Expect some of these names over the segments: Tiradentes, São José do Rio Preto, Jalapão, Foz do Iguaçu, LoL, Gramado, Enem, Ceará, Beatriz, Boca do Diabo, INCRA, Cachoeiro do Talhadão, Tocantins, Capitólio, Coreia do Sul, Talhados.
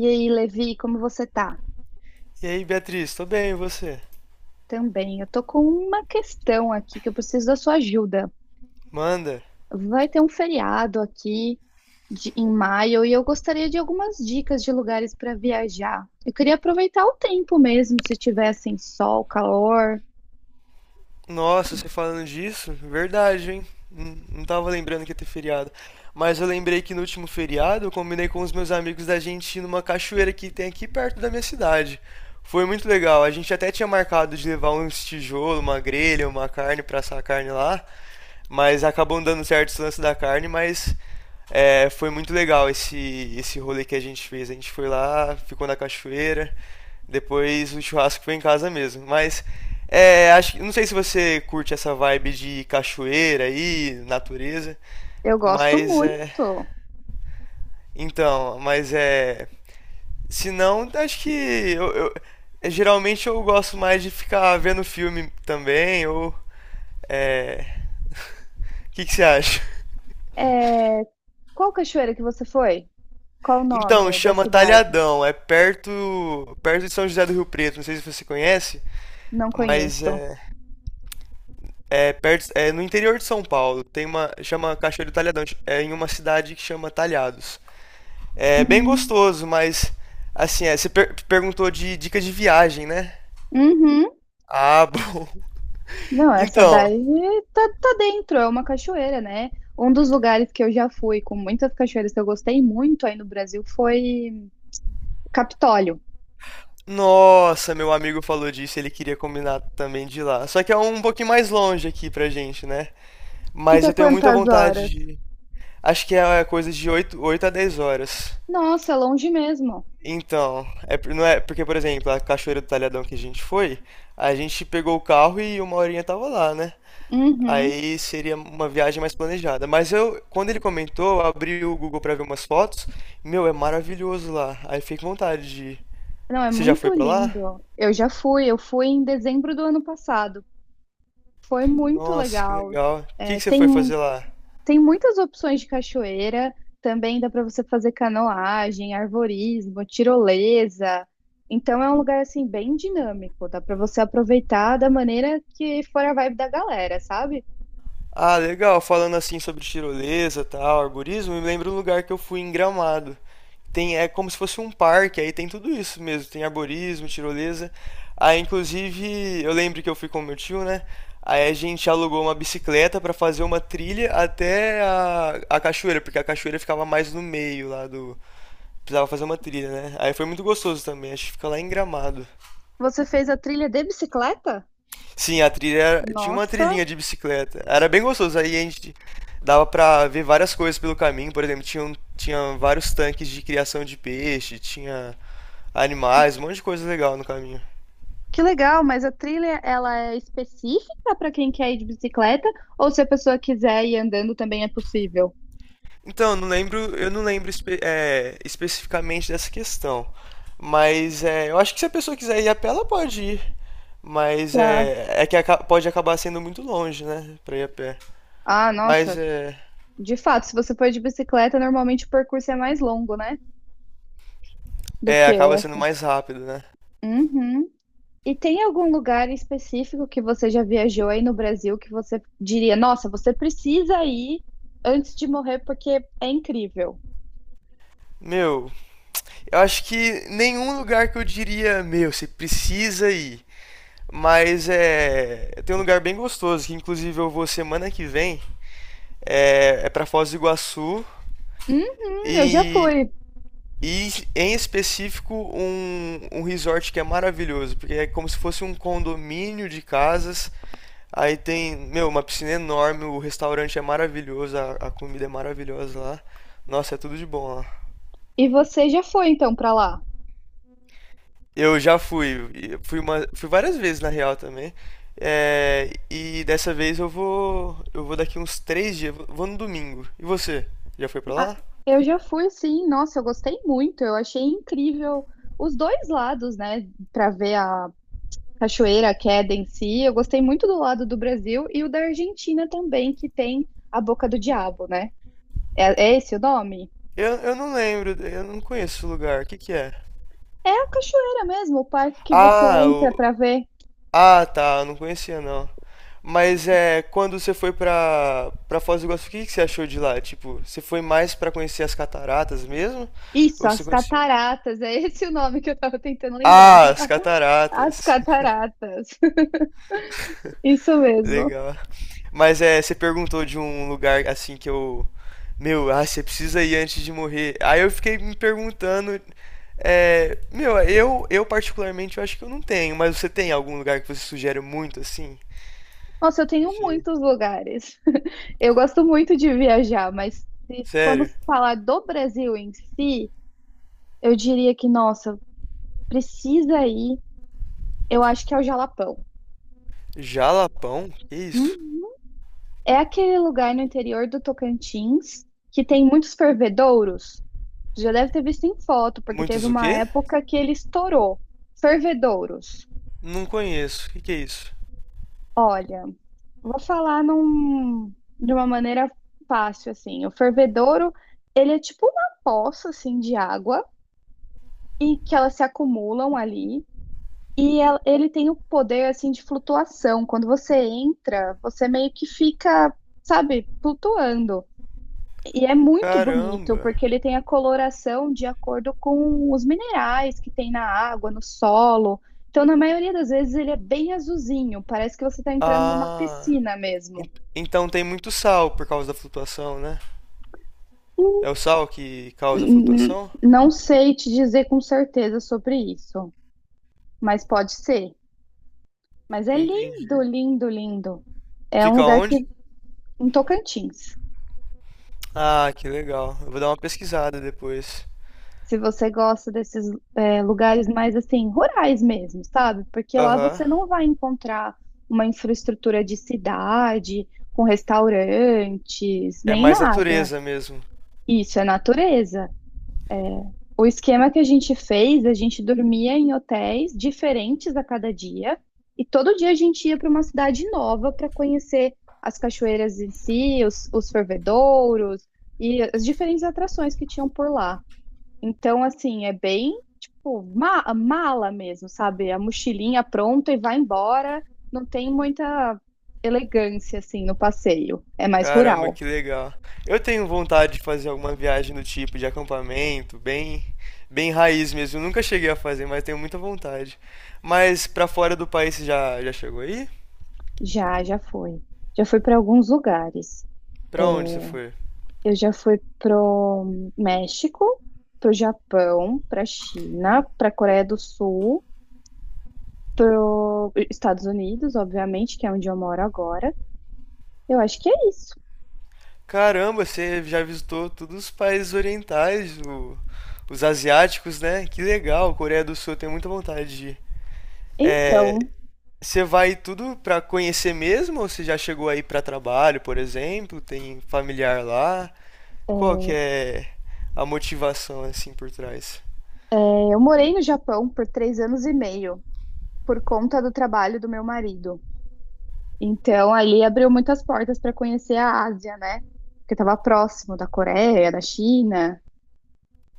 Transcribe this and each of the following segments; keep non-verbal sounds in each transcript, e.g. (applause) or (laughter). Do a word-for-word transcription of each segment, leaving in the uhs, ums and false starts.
E aí, Levi, como você tá? E aí, Beatriz, tô bem, e você? Também, eu tô com uma questão aqui que eu preciso da sua ajuda. Manda. Vai ter um feriado aqui de- em maio e eu gostaria de algumas dicas de lugares para viajar. Eu queria aproveitar o tempo mesmo, se tiver assim sol, calor. Nossa, você falando disso? Verdade, hein? Não não tava lembrando que ia ter feriado. Mas eu lembrei que no último feriado eu combinei com os meus amigos da gente ir numa cachoeira que tem aqui perto da minha cidade. Foi muito legal. A gente até tinha marcado de levar uns tijolos, uma grelha, uma carne pra assar a carne lá. Mas acabam dando certos lances da carne, mas é, foi muito legal esse, esse rolê que a gente fez. A gente foi lá, ficou na cachoeira, depois o churrasco foi em casa mesmo. Mas é, acho, não sei se você curte essa vibe de cachoeira aí, natureza, Eu gosto mas é. muito. Então, mas é. Se não, acho que eu, eu- é, geralmente eu gosto mais de ficar vendo filme também, ou. É. (laughs) O que que você acha? É, Qual cachoeira que você foi? Qual o Então, nome da chama cidade? Talhadão, é perto perto de São José do Rio Preto, não sei se você conhece, Não mas conheço. é, é perto é no interior de São Paulo. Tem uma chama Cachoeiro do Talhadão, é em uma cidade que chama Talhados. É bem Hum. gostoso, mas assim, é, você per- perguntou de dica de viagem, né? Uhum. Ah, (laughs) bom. Não, essa Então, daí tá, tá dentro, é uma cachoeira, né? Um dos lugares que eu já fui, com muitas cachoeiras que eu gostei muito aí no Brasil, foi Capitólio. nossa, meu amigo falou disso, ele queria combinar também de ir lá. Só que é um pouquinho mais longe aqui pra gente, né? Mas eu Fica tenho muita quantas vontade horas? de. Acho que é é coisa de oito, oito a dez horas. Nossa, é longe mesmo. Então, é, por- não é, porque, por exemplo, a Cachoeira do Talhadão que a gente foi, a gente pegou o carro e uma horinha tava lá, né? Uhum. Aí seria uma viagem mais planejada. Mas eu, quando ele comentou, eu abri o Google pra ver umas fotos. Meu, é maravilhoso lá. Aí fiquei com vontade de ir. Não, é Você já foi muito pra lá? lindo. Eu já fui, eu fui em dezembro do ano passado. Foi muito Nossa, que legal. legal. O que É, que você foi tem. fazer lá? Tem muitas opções de cachoeira, também dá para você fazer canoagem, arvorismo, tirolesa. Então é um lugar assim bem dinâmico, dá para você aproveitar da maneira que for a vibe da galera, sabe? Ah, legal. Falando assim sobre tirolesa, tal, arborismo, me lembra um lugar que eu fui em Gramado. Tem, é como se fosse um parque, aí tem tudo isso mesmo. Tem arborismo, tirolesa. Aí, inclusive, eu lembro que eu fui com meu tio, né? Aí a gente alugou uma bicicleta para fazer uma trilha até a, a cachoeira, porque a cachoeira ficava mais no meio lá do. Precisava fazer uma trilha, né? Aí foi muito gostoso também. Acho que fica lá em Gramado. Você fez a trilha de bicicleta? Sim, a trilha era- tinha uma Nossa, trilhinha de bicicleta. Era bem gostoso. Aí a gente dava pra ver várias coisas pelo caminho. Por exemplo, tinha, um- tinha vários tanques de criação de peixe, tinha animais, um monte de coisa legal no caminho. que legal, mas a trilha ela é específica para quem quer ir de bicicleta ou se a pessoa quiser ir andando também é possível? Então, eu não lembro, eu não lembro espe- é, especificamente dessa questão. Mas é, eu acho que se a pessoa quiser ir a pé, ela pode ir. Mas Tá. é, é que aca- pode acabar sendo muito longe, né? Pra ir a pé. Ah, Mas nossa, é, de fato, se você for de bicicleta, normalmente o percurso é mais longo, né? Do é, que acaba sendo esse. mais rápido, né? Uhum. E tem algum lugar específico que você já viajou aí no Brasil que você diria: nossa, você precisa ir antes de morrer porque é incrível? Meu, eu acho que nenhum lugar que eu diria, meu, você precisa ir. Mas é. Tem um lugar bem gostoso, que inclusive eu vou semana que vem. É, é para Foz do Iguaçu. Uhum, eu já E, fui. e em específico um, um resort que é maravilhoso, porque é como se fosse um condomínio de casas. Aí tem, meu, uma piscina enorme, o restaurante é maravilhoso, a, a comida é maravilhosa lá. Nossa, é tudo de bom lá. E você já foi então pra lá? Eu já fui, e fui uma, fui várias vezes na real também. É, e dessa vez eu vou, eu vou daqui uns três dias, vou vou no domingo. E você? Já foi pra Ah, lá? eu já fui, sim. Nossa, eu gostei muito. Eu achei incrível os dois lados, né? Pra ver a cachoeira, a queda em si. Eu gostei muito do lado do Brasil e o da Argentina também, que tem a Boca do Diabo, né? É, é esse o nome? Eu, eu não lembro, eu não conheço esse lugar. O que que é? É a cachoeira mesmo, o parque que você Ah, entra o, para ver. ah, tá, eu não conhecia não. Mas é, quando você foi pra, pra Foz do Iguaçu, o que que você achou de lá? Tipo, você foi mais pra conhecer as cataratas mesmo? Isso, Ou você as conheceu? cataratas, é esse o nome que eu tava tentando lembrar. Ah, as As cataratas. cataratas, (laughs) isso mesmo. Legal. Mas é, você perguntou de um lugar assim que eu. Meu, ah, você precisa ir antes de morrer. Aí eu fiquei me perguntando. é, meu, eu, eu particularmente eu acho que eu não tenho, mas você tem algum lugar que você sugere muito assim? Nossa, eu tenho Você. muitos lugares. (laughs) Eu gosto muito de viajar, mas se Sério? formos falar do Brasil em si, eu diria que, nossa, precisa ir, eu acho que é o Jalapão. Jalapão? Que Hum, isso? É aquele lugar no interior do Tocantins que tem muitos fervedouros. Você já deve ter visto em foto, porque teve Muitos o uma quê? época que ele estourou. Fervedouros. Não conheço. O que que é isso? Olha, vou falar num- de uma maneira fácil, assim. O fervedouro, ele é tipo uma poça, assim, de água, e que elas se acumulam ali. E el- ele tem o poder, assim, de flutuação. Quando você entra, você meio que fica, sabe, flutuando. E é muito bonito, Caramba. porque ele tem a coloração de acordo com os minerais que tem na água, no solo. Então, na maioria das vezes, ele é bem azulzinho, parece que você está entrando numa Ah. piscina en- mesmo. Então tem muito sal por causa da flutuação, né? É o sal que causa a N- n- flutuação? Não sei te dizer com certeza sobre isso, mas pode ser. Mas é Entendi. lindo, lindo, lindo. É um Fica lugar que onde? em Tocantins. Ah, que legal. Eu vou dar uma pesquisada depois. Se você gosta desses é, lugares mais assim, rurais mesmo, sabe? Porque lá Aham. você não vai encontrar uma infraestrutura de cidade, com restaurantes, É nem mais nada. natureza mesmo. Isso é natureza. O esquema que a gente fez, a gente dormia em hotéis diferentes a cada dia, e todo dia a gente ia para uma cidade nova para conhecer as cachoeiras em si, os, os fervedouros e as diferentes atrações que tinham por lá. Então, assim, é bem, tipo, ma- mala mesmo, sabe? A mochilinha pronta e vai embora. Não tem muita elegância, assim, no passeio. É mais Caramba, rural. que legal. Eu tenho vontade de fazer alguma viagem do tipo de acampamento, bem, bem raiz mesmo. Eu nunca cheguei a fazer, mas tenho muita vontade. Mas pra fora do país você já, já chegou aí? Já, já foi. Já fui para alguns lugares. Pra onde você foi? Eu já fui pro México, pro Japão, pra China, pra Coreia do Sul, pro Estados Unidos, obviamente, que é onde eu moro agora. Eu acho que é isso. Caramba, você já visitou todos os países orientais, o- os asiáticos, né? Que legal. Coreia do Sul, eu tenho muita vontade de ir. É, Então, Você vai tudo pra conhecer mesmo ou você já chegou aí pra trabalho, por exemplo? Tem familiar lá? Qual que é a motivação assim por trás? é, eu morei no Japão por três anos e meio, por conta do trabalho do meu marido. Então, ali abriu muitas portas para conhecer a Ásia, né? Porque estava próximo da Coreia, da China,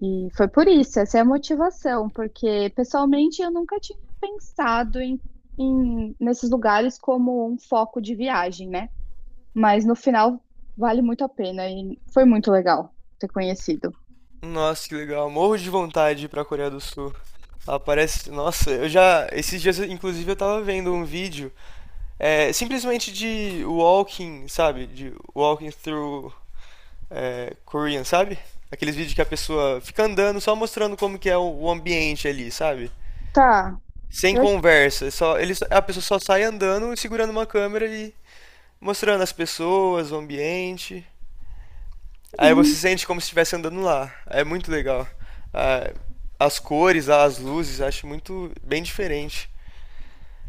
e foi por isso, essa é a motivação, porque pessoalmente eu nunca tinha pensado em, em- nesses lugares como um foco de viagem, né? Mas no final vale muito a pena e foi muito legal ter conhecido. Nossa, que legal. Morro de vontade de ir pra Coreia do Sul. Lá parece. Nossa, eu já. Esses dias, inclusive, eu tava vendo um vídeo é, simplesmente de walking, sabe? De walking through é, Korean, sabe? Aqueles vídeos que a pessoa fica andando só mostrando como que é o o ambiente ali, sabe? Tá, Sem eu acho conversa, só, ele, a pessoa só sai andando e segurando uma câmera e mostrando as pessoas, o ambiente. que. Aí você sente como se estivesse andando lá. É muito legal. Ah, as cores, as luzes, acho muito bem diferente.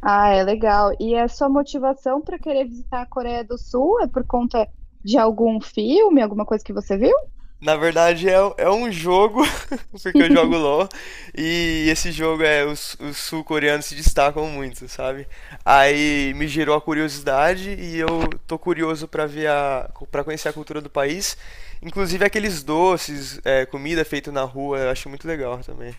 Ah, é legal. E a sua motivação para querer visitar a Coreia do Sul é por conta de algum filme, alguma coisa que você viu? Na verdade, é, é um jogo, (laughs) porque eu jogo lól, e esse jogo é os, os sul-coreanos se destacam muito, sabe? Aí me gerou a curiosidade e eu tô curioso pra ver a, para conhecer a cultura do país. Inclusive aqueles doces, é, comida feita na rua, eu acho muito legal também.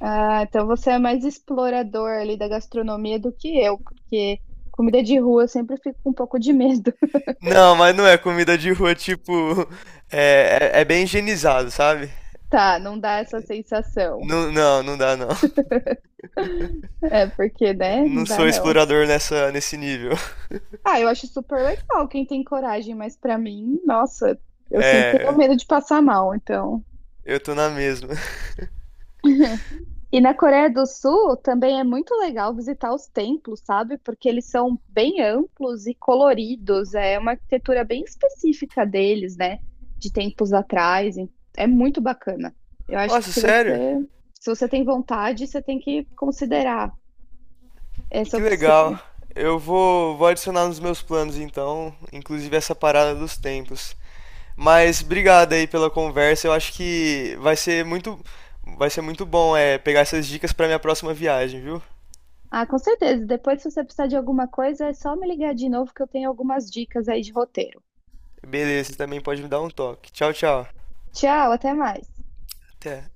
Ah, então você é mais explorador ali da gastronomia do que eu, porque comida de rua eu sempre fico com um pouco de medo. (laughs) Não, mas não é comida de rua, tipo, é, é, é bem higienizado, sabe? Tá, não dá essa sensação. Não, não, não dá não. É porque, né? Não Não dá sou não. explorador nessa, nesse nível. Ah, eu acho super legal quem tem coragem, mas para mim, nossa, eu sempre tenho É, medo de passar mal, então. eu tô na mesma. E na Coreia do Sul também é muito legal visitar os templos, sabe? Porque eles são bem amplos e coloridos, é uma arquitetura bem específica deles, né? De tempos atrás, e é muito bacana. Eu acho que Nossa, se você, sério? se você tem vontade, você tem que considerar essa Que legal. opção. Eu vou, vou adicionar nos meus planos então, inclusive essa parada dos tempos. Mas obrigado aí pela conversa. Eu acho que vai ser muito, vai ser muito bom é, pegar essas dicas para minha próxima viagem, viu? Ah, com certeza. Depois, se você precisar de alguma coisa, é só me ligar de novo que eu tenho algumas dicas aí de roteiro. Beleza, você também pode me dar um toque. Tchau, tchau. Tchau, até mais. Até.